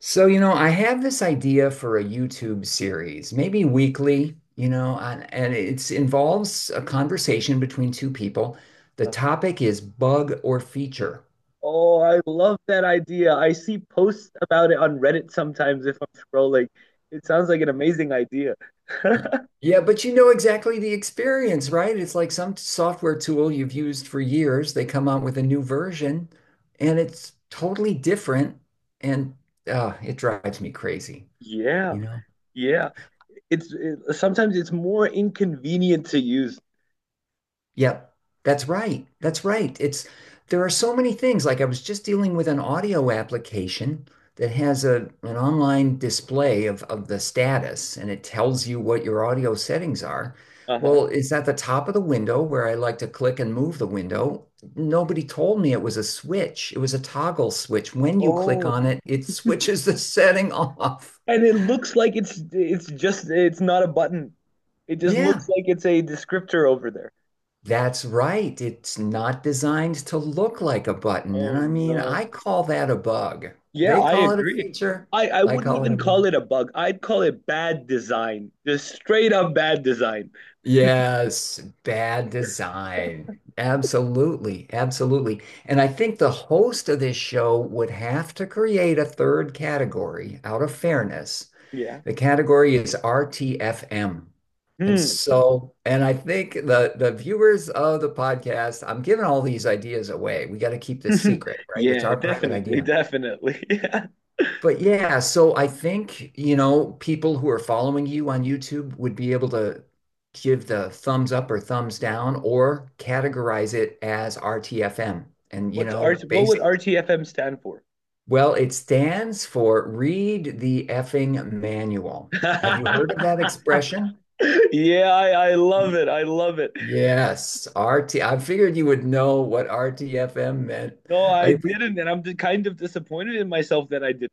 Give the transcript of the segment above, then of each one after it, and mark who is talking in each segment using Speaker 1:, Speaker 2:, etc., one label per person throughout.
Speaker 1: I have this idea for a YouTube series, maybe weekly, and it involves a conversation between two people. The
Speaker 2: Uh,
Speaker 1: topic is bug or feature.
Speaker 2: Oh, I love that idea. I see posts about it on Reddit sometimes if I'm scrolling. It sounds like an amazing idea.
Speaker 1: Y- Yeah, but you know exactly the experience, right? It's like some software tool you've used for years. They come out with a new version and it's totally different and it drives me crazy,
Speaker 2: Yeah,
Speaker 1: you know?
Speaker 2: yeah. Sometimes it's more inconvenient to use.
Speaker 1: Yep, that's right. That's right. It's There are so many things. Like I was just dealing with an audio application that has a an online display of the status, and it tells you what your audio settings are.
Speaker 2: Uh-huh.
Speaker 1: Well, it's at the top of the window where I like to click and move the window. Nobody told me it was a switch. It was a toggle switch. When you click
Speaker 2: Oh.
Speaker 1: on it, it switches the setting off.
Speaker 2: And it looks like it's not a button. It just looks
Speaker 1: Yeah.
Speaker 2: like it's a descriptor over there.
Speaker 1: That's right. It's not designed to look like a button. And
Speaker 2: Oh
Speaker 1: I mean,
Speaker 2: no.
Speaker 1: I call that a bug.
Speaker 2: Yeah,
Speaker 1: They
Speaker 2: I
Speaker 1: call it a
Speaker 2: agree.
Speaker 1: feature.
Speaker 2: I
Speaker 1: I
Speaker 2: wouldn't
Speaker 1: call it a
Speaker 2: even call
Speaker 1: bug.
Speaker 2: it a bug. I'd call it bad design. Just straight up bad design.
Speaker 1: Yes, bad design. Absolutely. Absolutely. And I think the host of this show would have to create a third category out of fairness.
Speaker 2: Yeah.
Speaker 1: The category is RTFM.
Speaker 2: Hmm.
Speaker 1: And I think the viewers of the podcast, I'm giving all these ideas away. We got to keep this secret, right? It's
Speaker 2: Yeah,
Speaker 1: our private
Speaker 2: definitely,
Speaker 1: idea.
Speaker 2: definitely. Yeah.
Speaker 1: But yeah, so I think, you know, people who are following you on YouTube would be able to give the thumbs up or thumbs down or categorize it as RTFM. And, you
Speaker 2: What's R
Speaker 1: know,
Speaker 2: what would
Speaker 1: based,
Speaker 2: RTFM stand for?
Speaker 1: Well, it stands for Read the Effing Manual. Have you heard of that expression?
Speaker 2: Yeah, I love it. I love it.
Speaker 1: Yes, RT. I figured you would know what RTFM meant.
Speaker 2: No, I
Speaker 1: I we
Speaker 2: didn't, and I'm just kind of disappointed in myself that I didn't.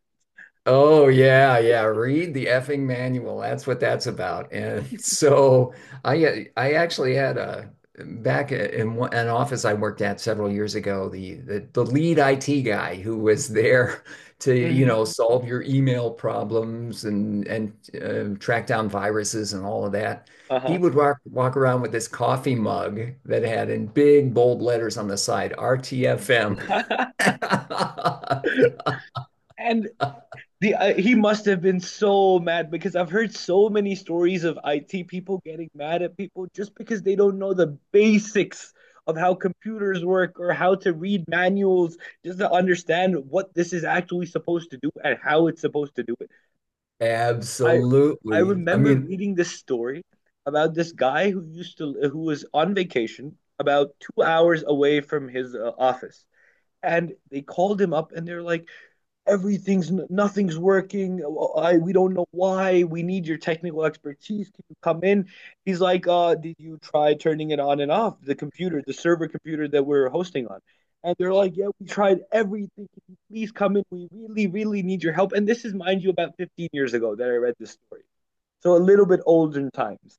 Speaker 1: Oh yeah, yeah. Read the effing manual. That's what that's about. And so I actually had a an office I worked at several years ago, the lead IT guy who was there to, you
Speaker 2: Mhm.
Speaker 1: know, solve your email problems and and track down viruses and all of that. He
Speaker 2: Uh-huh.
Speaker 1: would walk around with this coffee mug that had in big bold letters on the side, RTFM.
Speaker 2: and the he must have been so mad because I've heard so many stories of IT people getting mad at people just because they don't know the basics of how computers work or how to read manuals just to understand what this is actually supposed to do and how it's supposed to do it. I I
Speaker 1: Absolutely. I
Speaker 2: remember
Speaker 1: mean,
Speaker 2: reading this story about this guy who used to who was on vacation about 2 hours away from his office, and they called him up and they're like, everything's nothing's working. We don't know why. We need your technical expertise. Can you come in? He's like, did you try turning it on and off, the computer, the server computer that we're hosting on? And they're like, yeah, we tried everything. Can you please come in? We really, really need your help. And this is, mind you, about 15 years ago that I read this story. So a little bit older in times.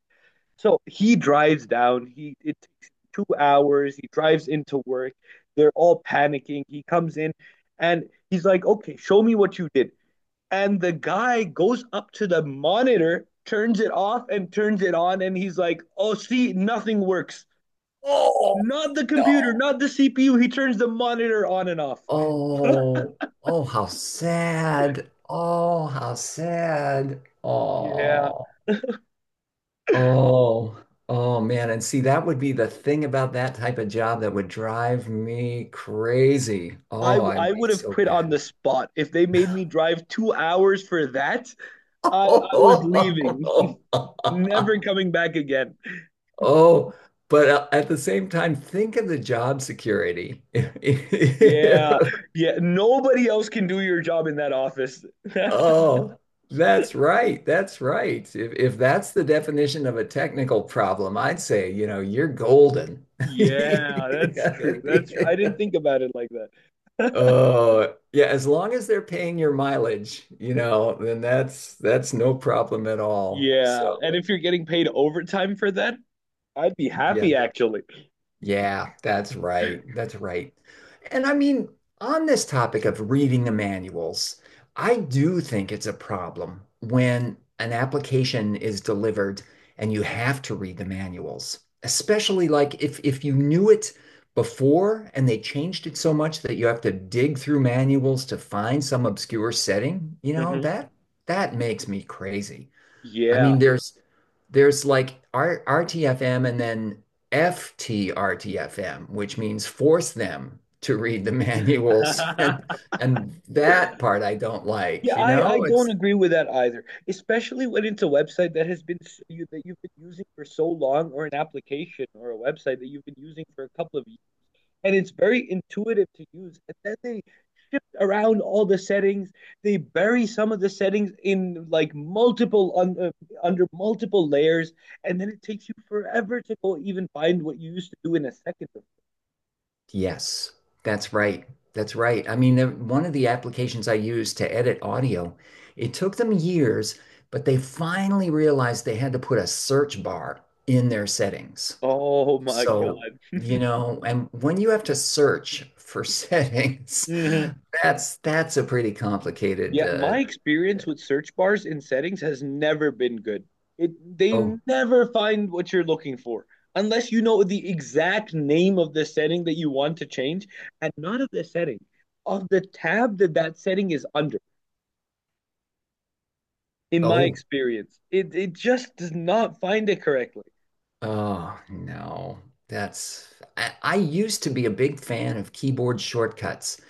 Speaker 2: So he drives down. He it takes two hours. He drives into work. They're all panicking. He comes in and he's like, "Okay, show me what you did." And the guy goes up to the monitor, turns it off, and turns it on, and he's like, "Oh, see, nothing works.
Speaker 1: oh
Speaker 2: Not the computer,
Speaker 1: no.
Speaker 2: not the CPU. He turns the monitor on and off."
Speaker 1: Oh, oh, how sad. Oh, how sad.
Speaker 2: Yeah,
Speaker 1: Oh, oh, oh man. And see, that would be the thing about that type of job that would drive me crazy.
Speaker 2: I
Speaker 1: Oh, I'd
Speaker 2: I
Speaker 1: be
Speaker 2: would have
Speaker 1: so
Speaker 2: quit on
Speaker 1: bad.
Speaker 2: the spot if they made me drive two hours for that. I was leaving. Never coming back again.
Speaker 1: Oh, but at the same time, think of the job security.
Speaker 2: Yeah. Yeah. Nobody else can do your job in that office.
Speaker 1: Oh, that's right. That's right. If that's the definition of a technical problem, I'd say, you know, you're golden.
Speaker 2: Yeah, that's true. That's true. I didn't think about it like that.
Speaker 1: Oh, yeah, as long as they're paying your mileage, you know, then that's no problem at all.
Speaker 2: Yeah.
Speaker 1: So,
Speaker 2: And if you're getting paid overtime for that, I'd be
Speaker 1: yeah.
Speaker 2: happy actually.
Speaker 1: Yeah, that's right. That's right. And I mean, on this topic of reading the manuals, I do think it's a problem when an application is delivered and you have to read the manuals, especially like if you knew it before and they changed it so much that you have to dig through manuals to find some obscure setting, you know,
Speaker 2: Hmm.
Speaker 1: that makes me crazy. I mean,
Speaker 2: Yeah.
Speaker 1: there's like R RTFM and then FTRTFM, which means force them to read the manuals. And and that part I don't
Speaker 2: Yeah,
Speaker 1: like, you
Speaker 2: I
Speaker 1: know?
Speaker 2: don't
Speaker 1: It's
Speaker 2: agree with that either, especially when it's a website that you that you've been using for so long, or an application or a website that you've been using for a couple of, and it's very intuitive to use. And then they around all the settings, they bury some of the settings in like under multiple layers, and then it takes you forever to go even find what you used to do in a second.
Speaker 1: Yes, that's right. That's right. I mean, one of the applications I used to edit audio, it took them years, but they finally realized they had to put a search bar in their settings.
Speaker 2: Oh my
Speaker 1: So,
Speaker 2: god.
Speaker 1: you know, and when you have to search for settings,
Speaker 2: Mhm.
Speaker 1: that's a pretty complicated
Speaker 2: Yeah, my experience with search bars in settings has never been good. It they
Speaker 1: oh,
Speaker 2: never find what you're looking for unless you know the exact name of the setting that you want to change, and not of the setting, of the tab that that setting is under. In my
Speaker 1: oh,
Speaker 2: experience, it just does not find it correctly.
Speaker 1: oh no. That's I used to be a big fan of keyboard shortcuts,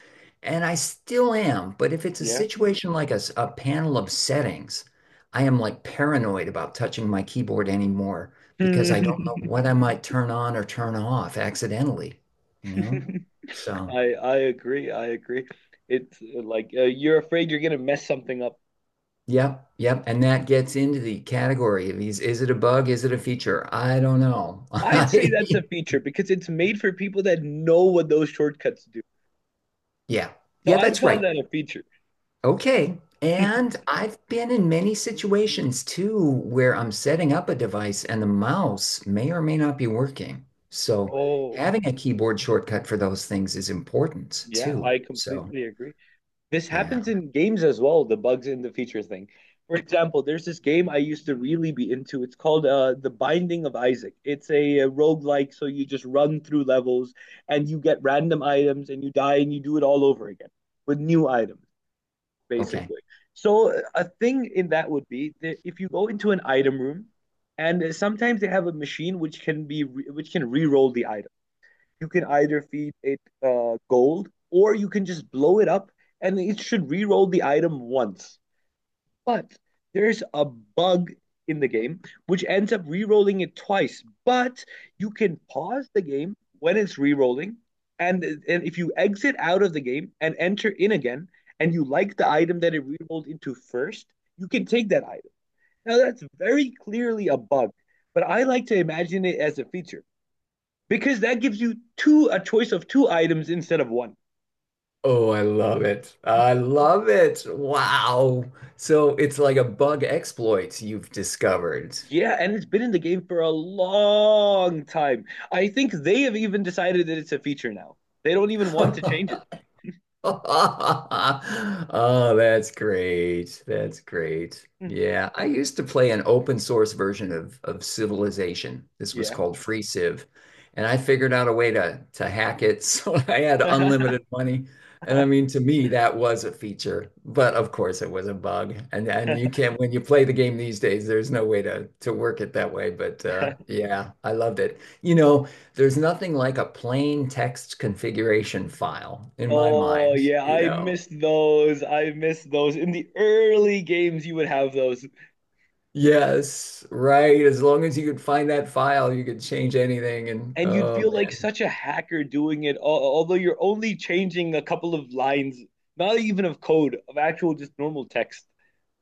Speaker 1: and I still am, but if it's a
Speaker 2: Yeah.
Speaker 1: situation like a panel of settings, I am like paranoid about touching my keyboard anymore because I don't know
Speaker 2: I
Speaker 1: what I might turn on or turn off accidentally, you know? So
Speaker 2: I agree. I agree. It's like You're afraid you're gonna mess something up.
Speaker 1: yep, yep. And that gets into the category of is it a bug? Is it a feature? I don't know.
Speaker 2: I'd say that's a feature because it's made for people that know what those shortcuts do.
Speaker 1: Yeah.
Speaker 2: So
Speaker 1: Yeah,
Speaker 2: I'd
Speaker 1: that's
Speaker 2: call
Speaker 1: right.
Speaker 2: that a feature.
Speaker 1: Okay. And I've been in many situations too where I'm setting up a device and the mouse may or may not be working. So
Speaker 2: Oh,
Speaker 1: having a keyboard shortcut for those things is important
Speaker 2: yeah,
Speaker 1: too.
Speaker 2: I
Speaker 1: So,
Speaker 2: completely agree. This
Speaker 1: yeah.
Speaker 2: happens in games as well, the bugs in the feature thing. For example, there's this game I used to really be into. It's called The Binding of Isaac. It's a roguelike, so you just run through levels and you get random items and you die and you do it all over again with new items.
Speaker 1: Okay.
Speaker 2: Basically. So a thing in that would be that if you go into an item room, and sometimes they have a machine which can re-roll the item. You can either feed it gold or you can just blow it up, and it should re-roll the item once. But there's a bug in the game which ends up re-rolling it twice. But you can pause the game when it's re-rolling, and if you exit out of the game and enter in again, and you like the item that it re-rolled into first, you can take that item. Now that's very clearly a bug, but I like to imagine it as a feature because that gives you two a choice of two items instead of one.
Speaker 1: Oh, I love it. I love it. Wow. So it's like a bug exploit you've discovered.
Speaker 2: Yeah, and it's been in the game for a long time. I think they have even decided that it's a feature now. They don't even want to change it.
Speaker 1: Oh, that's great. That's great.
Speaker 2: Mm.
Speaker 1: Yeah, I used to play an open source version of Civilization. This was
Speaker 2: Yeah.
Speaker 1: called Free Civ, and I figured out a way to hack it so I had unlimited money. And I mean, to me, that was a feature, but of course, it was a bug. And you can't when you play the game these days, there's no way to work it that way. But yeah, I loved it. You know. There's nothing like a plain text configuration file in my
Speaker 2: Oh,
Speaker 1: mind,
Speaker 2: yeah,
Speaker 1: you
Speaker 2: I
Speaker 1: know.
Speaker 2: missed those. I missed those. In the early games, you would have those,
Speaker 1: Yes, right. As long as you could find that file, you could change anything. And
Speaker 2: and you'd
Speaker 1: oh
Speaker 2: feel like
Speaker 1: man,
Speaker 2: such a hacker doing it, although you're only changing a couple of lines, not even of code, of actual just normal text.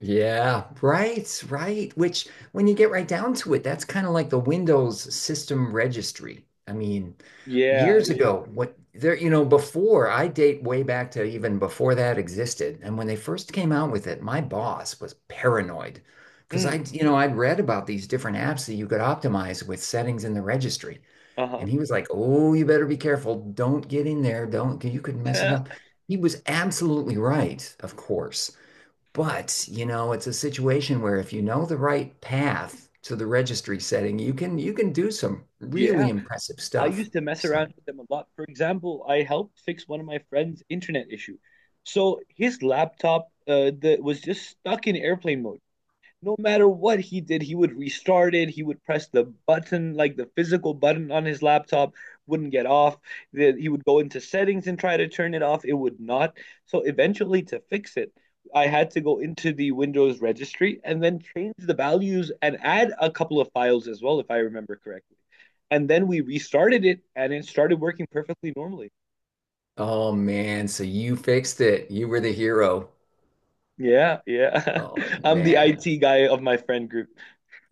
Speaker 1: yeah, right, right. Which, when you get right down to it, that's kind of like the Windows system registry. I mean,
Speaker 2: Yeah,
Speaker 1: years
Speaker 2: yeah.
Speaker 1: ago, you know, before I date way back to even before that existed. And when they first came out with it, my boss was paranoid because
Speaker 2: Hmm.
Speaker 1: you know, I'd read about these different apps that you could optimize with settings in the registry.
Speaker 2: Uh-huh.
Speaker 1: And he was like, "Oh, you better be careful. Don't get in there. Don't, 'cause you could mess it up." He was absolutely right, of course. But, you know, it's a situation where if you know the right path to the registry setting, you can do some
Speaker 2: Yeah.
Speaker 1: really impressive
Speaker 2: I
Speaker 1: stuff.
Speaker 2: used to mess
Speaker 1: So,
Speaker 2: around with them a lot. For example, I helped fix one of my friend's internet issue. So his laptop was just stuck in airplane mode. No matter what he did, he would restart it. He would press the button, like the physical button on his laptop, wouldn't get off. He would go into settings and try to turn it off. It would not. So eventually, to fix it, I had to go into the Windows registry and then change the values and add a couple of files as well, if I remember correctly. And then we restarted it and it started working perfectly normally.
Speaker 1: oh man, so you fixed it. You were the hero.
Speaker 2: Yeah, yeah.
Speaker 1: Oh
Speaker 2: I'm the
Speaker 1: man.
Speaker 2: IT guy of my friend group.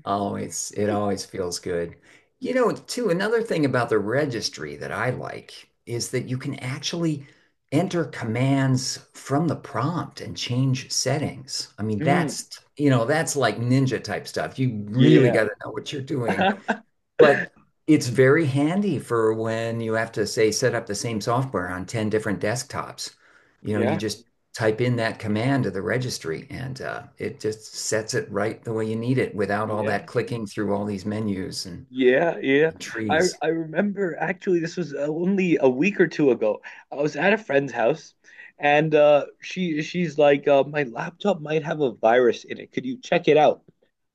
Speaker 1: Always, it always feels good. You know, too, another thing about the registry that I like is that you can actually enter commands from the prompt and change settings. I mean,
Speaker 2: Mm,
Speaker 1: that's, you know, that's like ninja type stuff. You really
Speaker 2: yeah.
Speaker 1: got to know what you're doing. But it's very handy for when you have to, say, set up the same software on 10 different desktops. You know, you
Speaker 2: Yeah.
Speaker 1: just type in that command to the registry and it just sets it right the way you need it without all
Speaker 2: Yeah.
Speaker 1: that clicking through all these menus and
Speaker 2: Yeah, yeah. I
Speaker 1: trees.
Speaker 2: I remember actually this was only a week or two ago. I was at a friend's house, and she's like my laptop might have a virus in it. Could you check it out?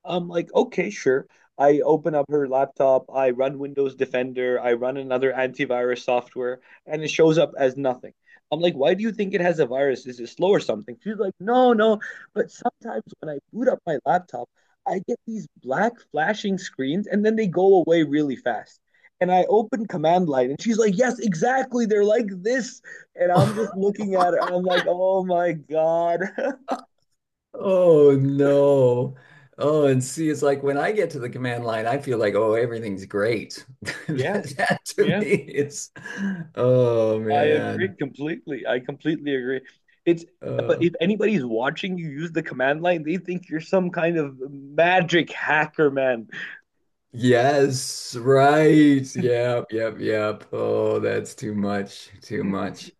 Speaker 2: I'm like, okay, sure. I open up her laptop, I run Windows Defender, I run another antivirus software, and it shows up as nothing. I'm like, why do you think it has a virus? Is it slow or something? She's like, no, no. But sometimes when I boot up my laptop, I get these black flashing screens and then they go away really fast. And I open command line and she's like, yes, exactly. They're like this. And I'm just looking at her. I'm like, oh my God.
Speaker 1: Oh no. Oh, and see, it's like when I get to the command line, I feel like, oh, everything's great.
Speaker 2: Yeah,
Speaker 1: That, that to
Speaker 2: yeah.
Speaker 1: me, it's, oh
Speaker 2: I agree
Speaker 1: man.
Speaker 2: completely. I completely agree. It's but
Speaker 1: Uh,
Speaker 2: if anybody's watching you use the command line, they think you're some kind of magic hacker, man.
Speaker 1: Yes, right. Yep, yep, yep. Oh, that's too much. Too much.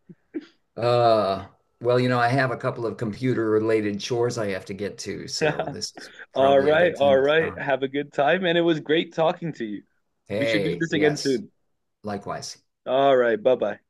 Speaker 1: Uh, well, you know, I have a couple of computer related chores I have to get to, so this is
Speaker 2: All
Speaker 1: probably a
Speaker 2: right,
Speaker 1: good
Speaker 2: all
Speaker 1: time to
Speaker 2: right.
Speaker 1: stop.
Speaker 2: Have a good time, and it was great talking to you. We should do
Speaker 1: Hey,
Speaker 2: this again
Speaker 1: yes,
Speaker 2: soon.
Speaker 1: likewise.
Speaker 2: All right, bye-bye.